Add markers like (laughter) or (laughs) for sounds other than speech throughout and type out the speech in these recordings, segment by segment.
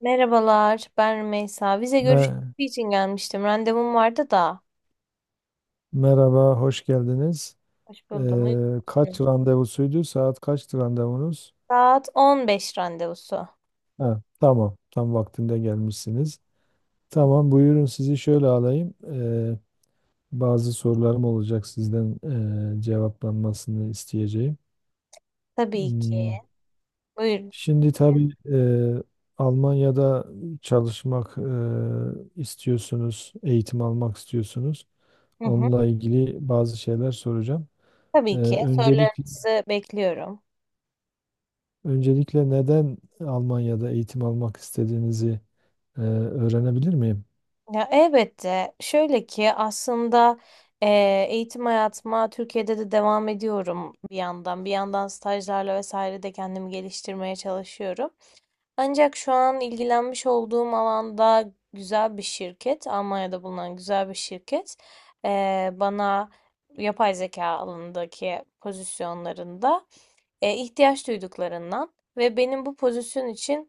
Merhabalar, ben Rümeysa. Vize görüşmesi Me- için gelmiştim. Randevum vardı da. Merhaba, hoş geldiniz. Hoş buldum. Uygun musunuz? Kaç randevusuydu? Saat kaçtı randevunuz? Saat 15 randevusu. Ha, tamam, tam vaktinde gelmişsiniz. Tamam, buyurun sizi şöyle alayım. Bazı sorularım olacak sizden cevaplanmasını isteyeceğim. Tabii ki. Hmm, Buyurun. Şimdi tabii, Almanya'da çalışmak istiyorsunuz, eğitim almak istiyorsunuz. Hı hı. Onunla ilgili bazı şeyler soracağım. Ee, Tabii ki. Öncelikle Sorularınızı bekliyorum. Öncelikle neden Almanya'da eğitim almak istediğinizi öğrenebilir miyim? Ya elbette. Şöyle ki aslında e, eğitim hayatıma Türkiye'de de devam ediyorum bir yandan. Bir yandan stajlarla vesaire de kendimi geliştirmeye çalışıyorum. Ancak şu an ilgilenmiş olduğum alanda güzel bir şirket, Almanya'da bulunan güzel bir şirket, bana yapay zeka alanındaki pozisyonlarında ihtiyaç duyduklarından ve benim bu pozisyon için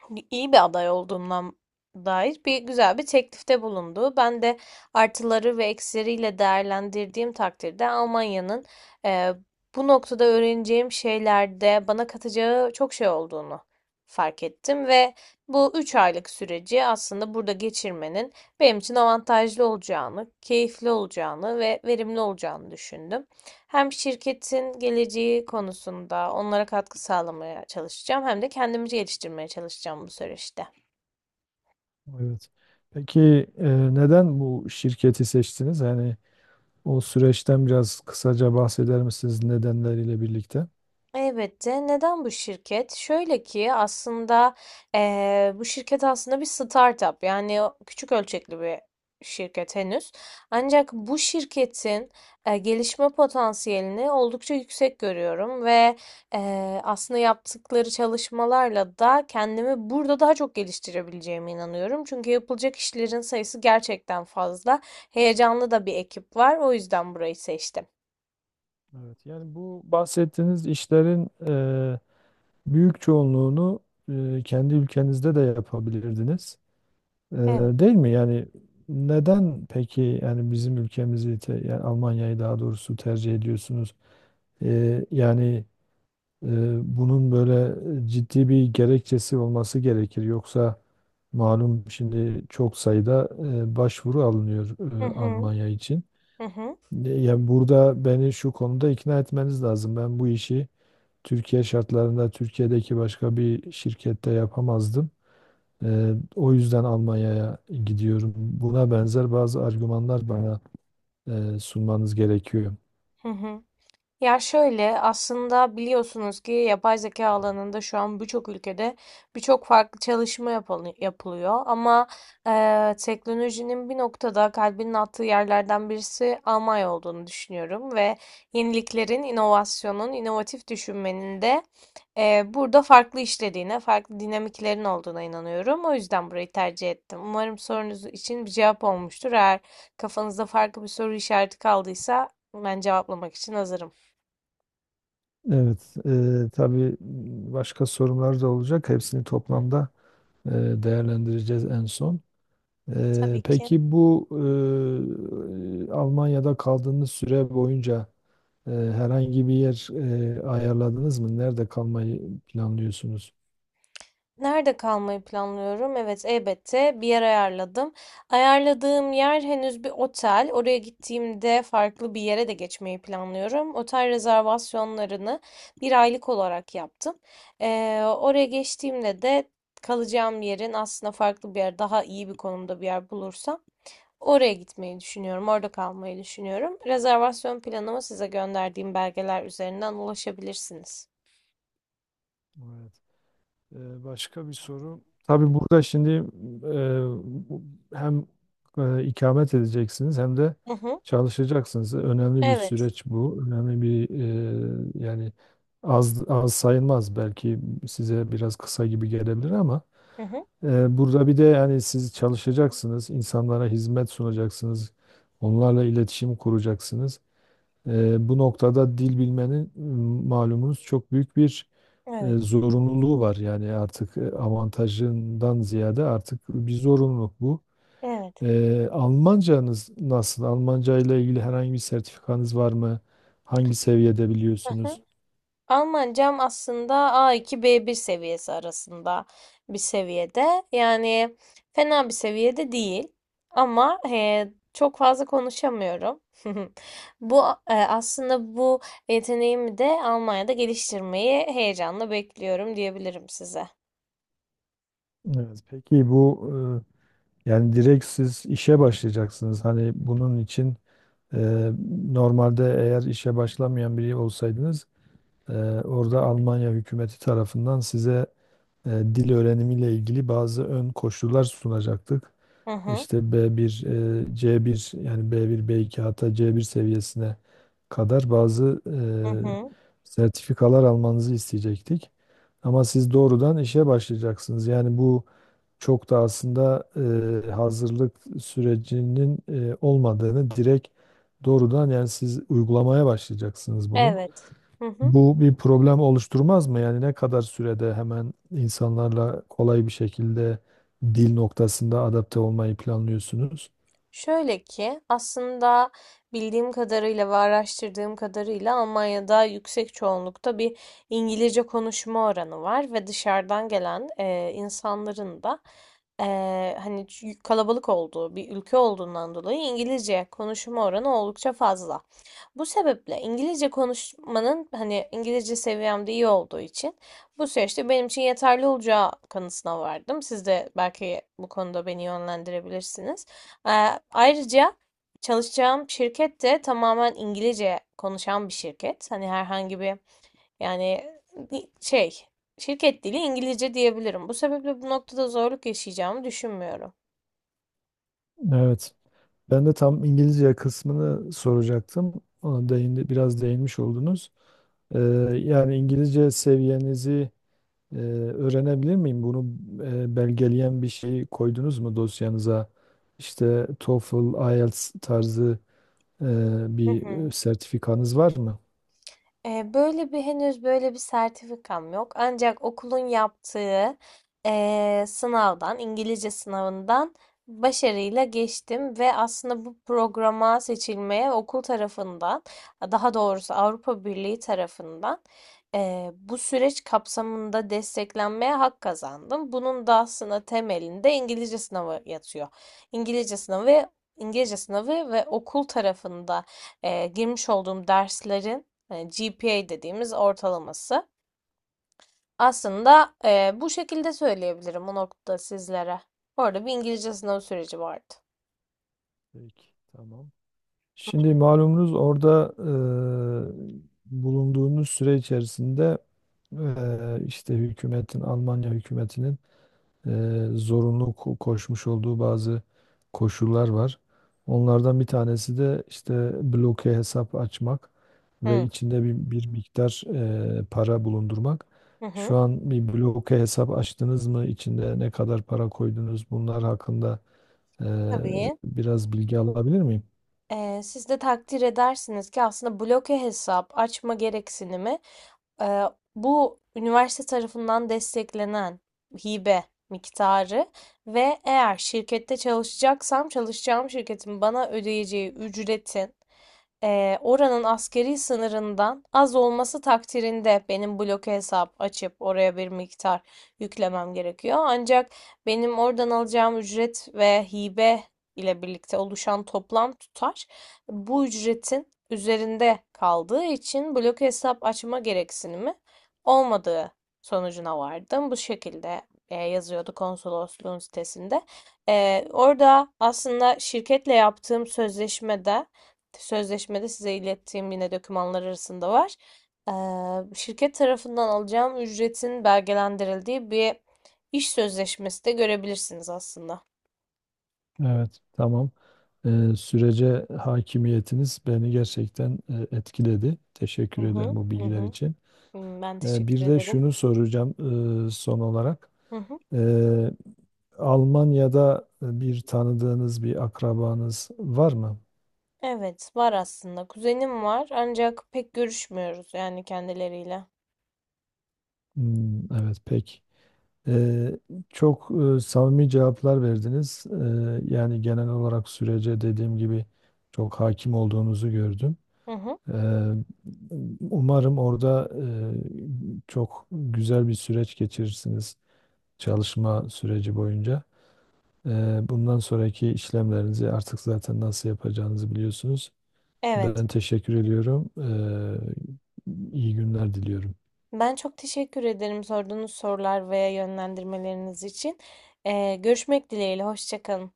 hani, iyi bir aday olduğundan dair bir güzel bir teklifte bulundu. Ben de artıları ve eksileriyle değerlendirdiğim takdirde Almanya'nın e, bu noktada öğreneceğim şeylerde bana katacağı çok şey olduğunu fark ettim ve bu 3 aylık süreci aslında burada geçirmenin benim için avantajlı olacağını, keyifli olacağını ve verimli olacağını düşündüm. Hem şirketin geleceği konusunda onlara katkı sağlamaya çalışacağım hem de kendimi geliştirmeye çalışacağım bu süreçte. Evet. Peki neden bu şirketi seçtiniz? Yani o süreçten biraz kısaca bahseder misiniz nedenleriyle birlikte? Elbette. Neden bu şirket? Şöyle ki aslında bu şirket aslında bir startup, yani o küçük ölçekli bir şirket henüz. Ancak bu şirketin gelişme potansiyelini oldukça yüksek görüyorum ve aslında yaptıkları çalışmalarla da kendimi burada daha çok geliştirebileceğime inanıyorum. Çünkü yapılacak işlerin sayısı gerçekten fazla. Heyecanlı da bir ekip var, o yüzden burayı seçtim. Evet, yani bu bahsettiğiniz işlerin e, büyük çoğunluğunu kendi ülkenizde de yapabilirdiniz. E, Evet. Değil mi? Yani neden peki yani bizim ülkemizi yani Almanya'yı daha doğrusu tercih ediyorsunuz? E, yani ee, Bunun böyle ciddi bir gerekçesi olması gerekir. Yoksa malum şimdi çok sayıda başvuru alınıyor Hı hı. Almanya için. Hı hı. Yani burada beni şu konuda ikna etmeniz lazım. Ben bu işi Türkiye şartlarında Türkiye'deki başka bir şirkette yapamazdım. O yüzden Almanya'ya gidiyorum. Buna benzer bazı argümanlar bana sunmanız gerekiyor. Hı hı. Ya şöyle, aslında biliyorsunuz ki yapay zeka alanında şu an birçok ülkede birçok farklı çalışma yapılıyor. Ama teknolojinin bir noktada kalbinin attığı yerlerden birisi Almanya olduğunu düşünüyorum. Ve yeniliklerin, inovasyonun, inovatif düşünmenin de burada farklı işlediğine, farklı dinamiklerin olduğuna inanıyorum. O yüzden burayı tercih ettim. Umarım sorunuz için bir cevap olmuştur. Eğer kafanızda farklı bir soru işareti kaldıysa ben cevaplamak için hazırım. Evet, tabii başka sorunlar da olacak. Hepsini toplamda e, değerlendireceğiz en son. Tabii ki. Peki bu, Almanya'da kaldığınız süre boyunca herhangi bir yer ayarladınız mı? Nerede kalmayı planlıyorsunuz? Nerede kalmayı planlıyorum? Evet, elbette bir yer ayarladım. Ayarladığım yer henüz bir otel. Oraya gittiğimde farklı bir yere de geçmeyi planlıyorum. Otel rezervasyonlarını bir aylık olarak yaptım. Oraya geçtiğimde de kalacağım yerin aslında farklı bir yer, daha iyi bir konumda bir yer bulursam oraya gitmeyi düşünüyorum. Orada kalmayı düşünüyorum. Rezervasyon planımı size gönderdiğim belgeler üzerinden ulaşabilirsiniz. Başka bir soru. Tabii burada şimdi hem ikamet edeceksiniz hem de Hı hı. çalışacaksınız. Önemli bir Evet. süreç bu. Önemli bir, yani az az sayılmaz belki, size biraz kısa gibi gelebilir ama Hı hı. Burada bir de yani siz çalışacaksınız, insanlara hizmet sunacaksınız, onlarla iletişim kuracaksınız. Bu noktada dil bilmenin, malumunuz çok büyük bir Evet. zorunluluğu var. Yani artık avantajından ziyade artık bir zorunluluk bu. Evet. Almancanız nasıl? Almanca ile ilgili herhangi bir sertifikanız var mı? Hangi seviyede Aha. biliyorsunuz? Almancam aslında a iki b bir seviyesi arasında bir seviyede. Yani fena bir seviyede değil. Ama çok fazla konuşamıyorum. (laughs) Bu e, aslında bu Yeteneğimi de Almanya'da geliştirmeyi heyecanla bekliyorum diyebilirim size. Evet, peki bu, yani direkt siz işe başlayacaksınız. Hani bunun için, e, normalde eğer işe başlamayan biri olsaydınız e, orada Almanya hükümeti tarafından size dil öğrenimiyle ilgili bazı ön koşullar sunacaktık. Hı hı, İşte B1, C1, yani B1, B2 hatta C1 seviyesine kadar bazı hı hı. Sertifikalar almanızı isteyecektik. Ama siz doğrudan işe başlayacaksınız. Yani bu çok da aslında hazırlık sürecinin olmadığını, direkt doğrudan yani siz uygulamaya başlayacaksınız bunu. Evet. Hı hı. Bu bir problem oluşturmaz mı? Yani ne kadar sürede hemen insanlarla kolay bir şekilde dil noktasında adapte olmayı planlıyorsunuz? Şöyle ki aslında bildiğim kadarıyla ve araştırdığım kadarıyla Almanya'da yüksek çoğunlukta bir İngilizce konuşma oranı var ve dışarıdan gelen insanların da hani, kalabalık olduğu bir ülke olduğundan dolayı İngilizce konuşma oranı oldukça fazla. Bu sebeple İngilizce konuşmanın, hani İngilizce seviyem de iyi olduğu için, bu süreçte benim için yeterli olacağı kanısına vardım. Siz de belki bu konuda beni yönlendirebilirsiniz. Ee, Ayrıca çalışacağım şirket de tamamen İngilizce konuşan bir şirket. Hani herhangi bir, yani, bir şey, şirket dili İngilizce diyebilirim. Bu sebeple bu noktada zorluk yaşayacağımı düşünmüyorum. Evet. Ben de tam İngilizce kısmını soracaktım. Ona değindi, biraz değinmiş oldunuz. Ee, Yani İngilizce seviyenizi e, öğrenebilir miyim? Bunu belgeleyen bir şey koydunuz mu dosyanıza? İşte TOEFL, IELTS tarzı e, Hı bir hı. sertifikanız var mı? Böyle bir Henüz böyle bir sertifikam yok. Ancak okulun yaptığı sınavdan, İngilizce sınavından başarıyla geçtim ve aslında bu programa seçilmeye okul tarafından, daha doğrusu Avrupa Birliği tarafından bu süreç kapsamında desteklenmeye hak kazandım. Bunun da aslında temelinde İngilizce sınavı yatıyor. İngilizce sınavı, İngilizce sınavı ve okul tarafında girmiş olduğum derslerin GPA dediğimiz ortalaması. Aslında bu şekilde söyleyebilirim bu noktada sizlere. Orada bir İngilizce sınav süreci vardı. Peki, tamam. Şimdi malumunuz orada bulunduğunuz süre içerisinde işte hükümetin, Almanya hükümetinin e, zorunlu koşmuş olduğu bazı koşullar var. Onlardan bir tanesi de işte bloke hesap açmak ve Hı içinde bir miktar para bulundurmak. hı. Hı. Şu an bir bloke hesap açtınız mı? İçinde ne kadar para koydunuz? Bunlar hakkında e, Tabii. biraz bilgi alabilir miyim? Siz de takdir edersiniz ki aslında bloke hesap açma gereksinimi, e, bu üniversite tarafından desteklenen hibe miktarı ve eğer şirkette çalışacaksam çalışacağım şirketin bana ödeyeceği ücretin oranın askeri sınırından az olması takdirinde benim bloke hesap açıp oraya bir miktar yüklemem gerekiyor. Ancak benim oradan alacağım ücret ve hibe ile birlikte oluşan toplam tutar bu ücretin üzerinde kaldığı için bloke hesap açma gereksinimi olmadığı sonucuna vardım. Bu şekilde yazıyordu konsolosluğun sitesinde. Orada aslında şirketle yaptığım sözleşmede sözleşmede size ilettiğim yine dokümanlar arasında var. Şirket tarafından alacağım ücretin belgelendirildiği bir iş sözleşmesi de görebilirsiniz aslında. Evet, tamam. Sürece hakimiyetiniz beni gerçekten etkiledi. Hı Teşekkür ederim hı, bu hı bilgiler hı. için. Hmm, ben teşekkür Bir de ederim. şunu soracağım son olarak. Hı hı. Ee, Almanya'da bir tanıdığınız, bir akrabanız var mı? Evet, var aslında. Kuzenim var ancak pek görüşmüyoruz yani kendileriyle. Hmm, evet, pek. Ee, Çok samimi cevaplar verdiniz. Yani genel olarak sürece dediğim gibi çok hakim olduğunuzu gördüm. Hı hı, Eee, Umarım orada çok güzel bir süreç geçirirsiniz çalışma süreci boyunca. Bundan sonraki işlemlerinizi artık zaten nasıl yapacağınızı biliyorsunuz. evet. Ben teşekkür ediyorum. İyi günler diliyorum. Ben çok teşekkür ederim sorduğunuz sorular veya yönlendirmeleriniz için. Görüşmek dileğiyle. Hoşça kalın.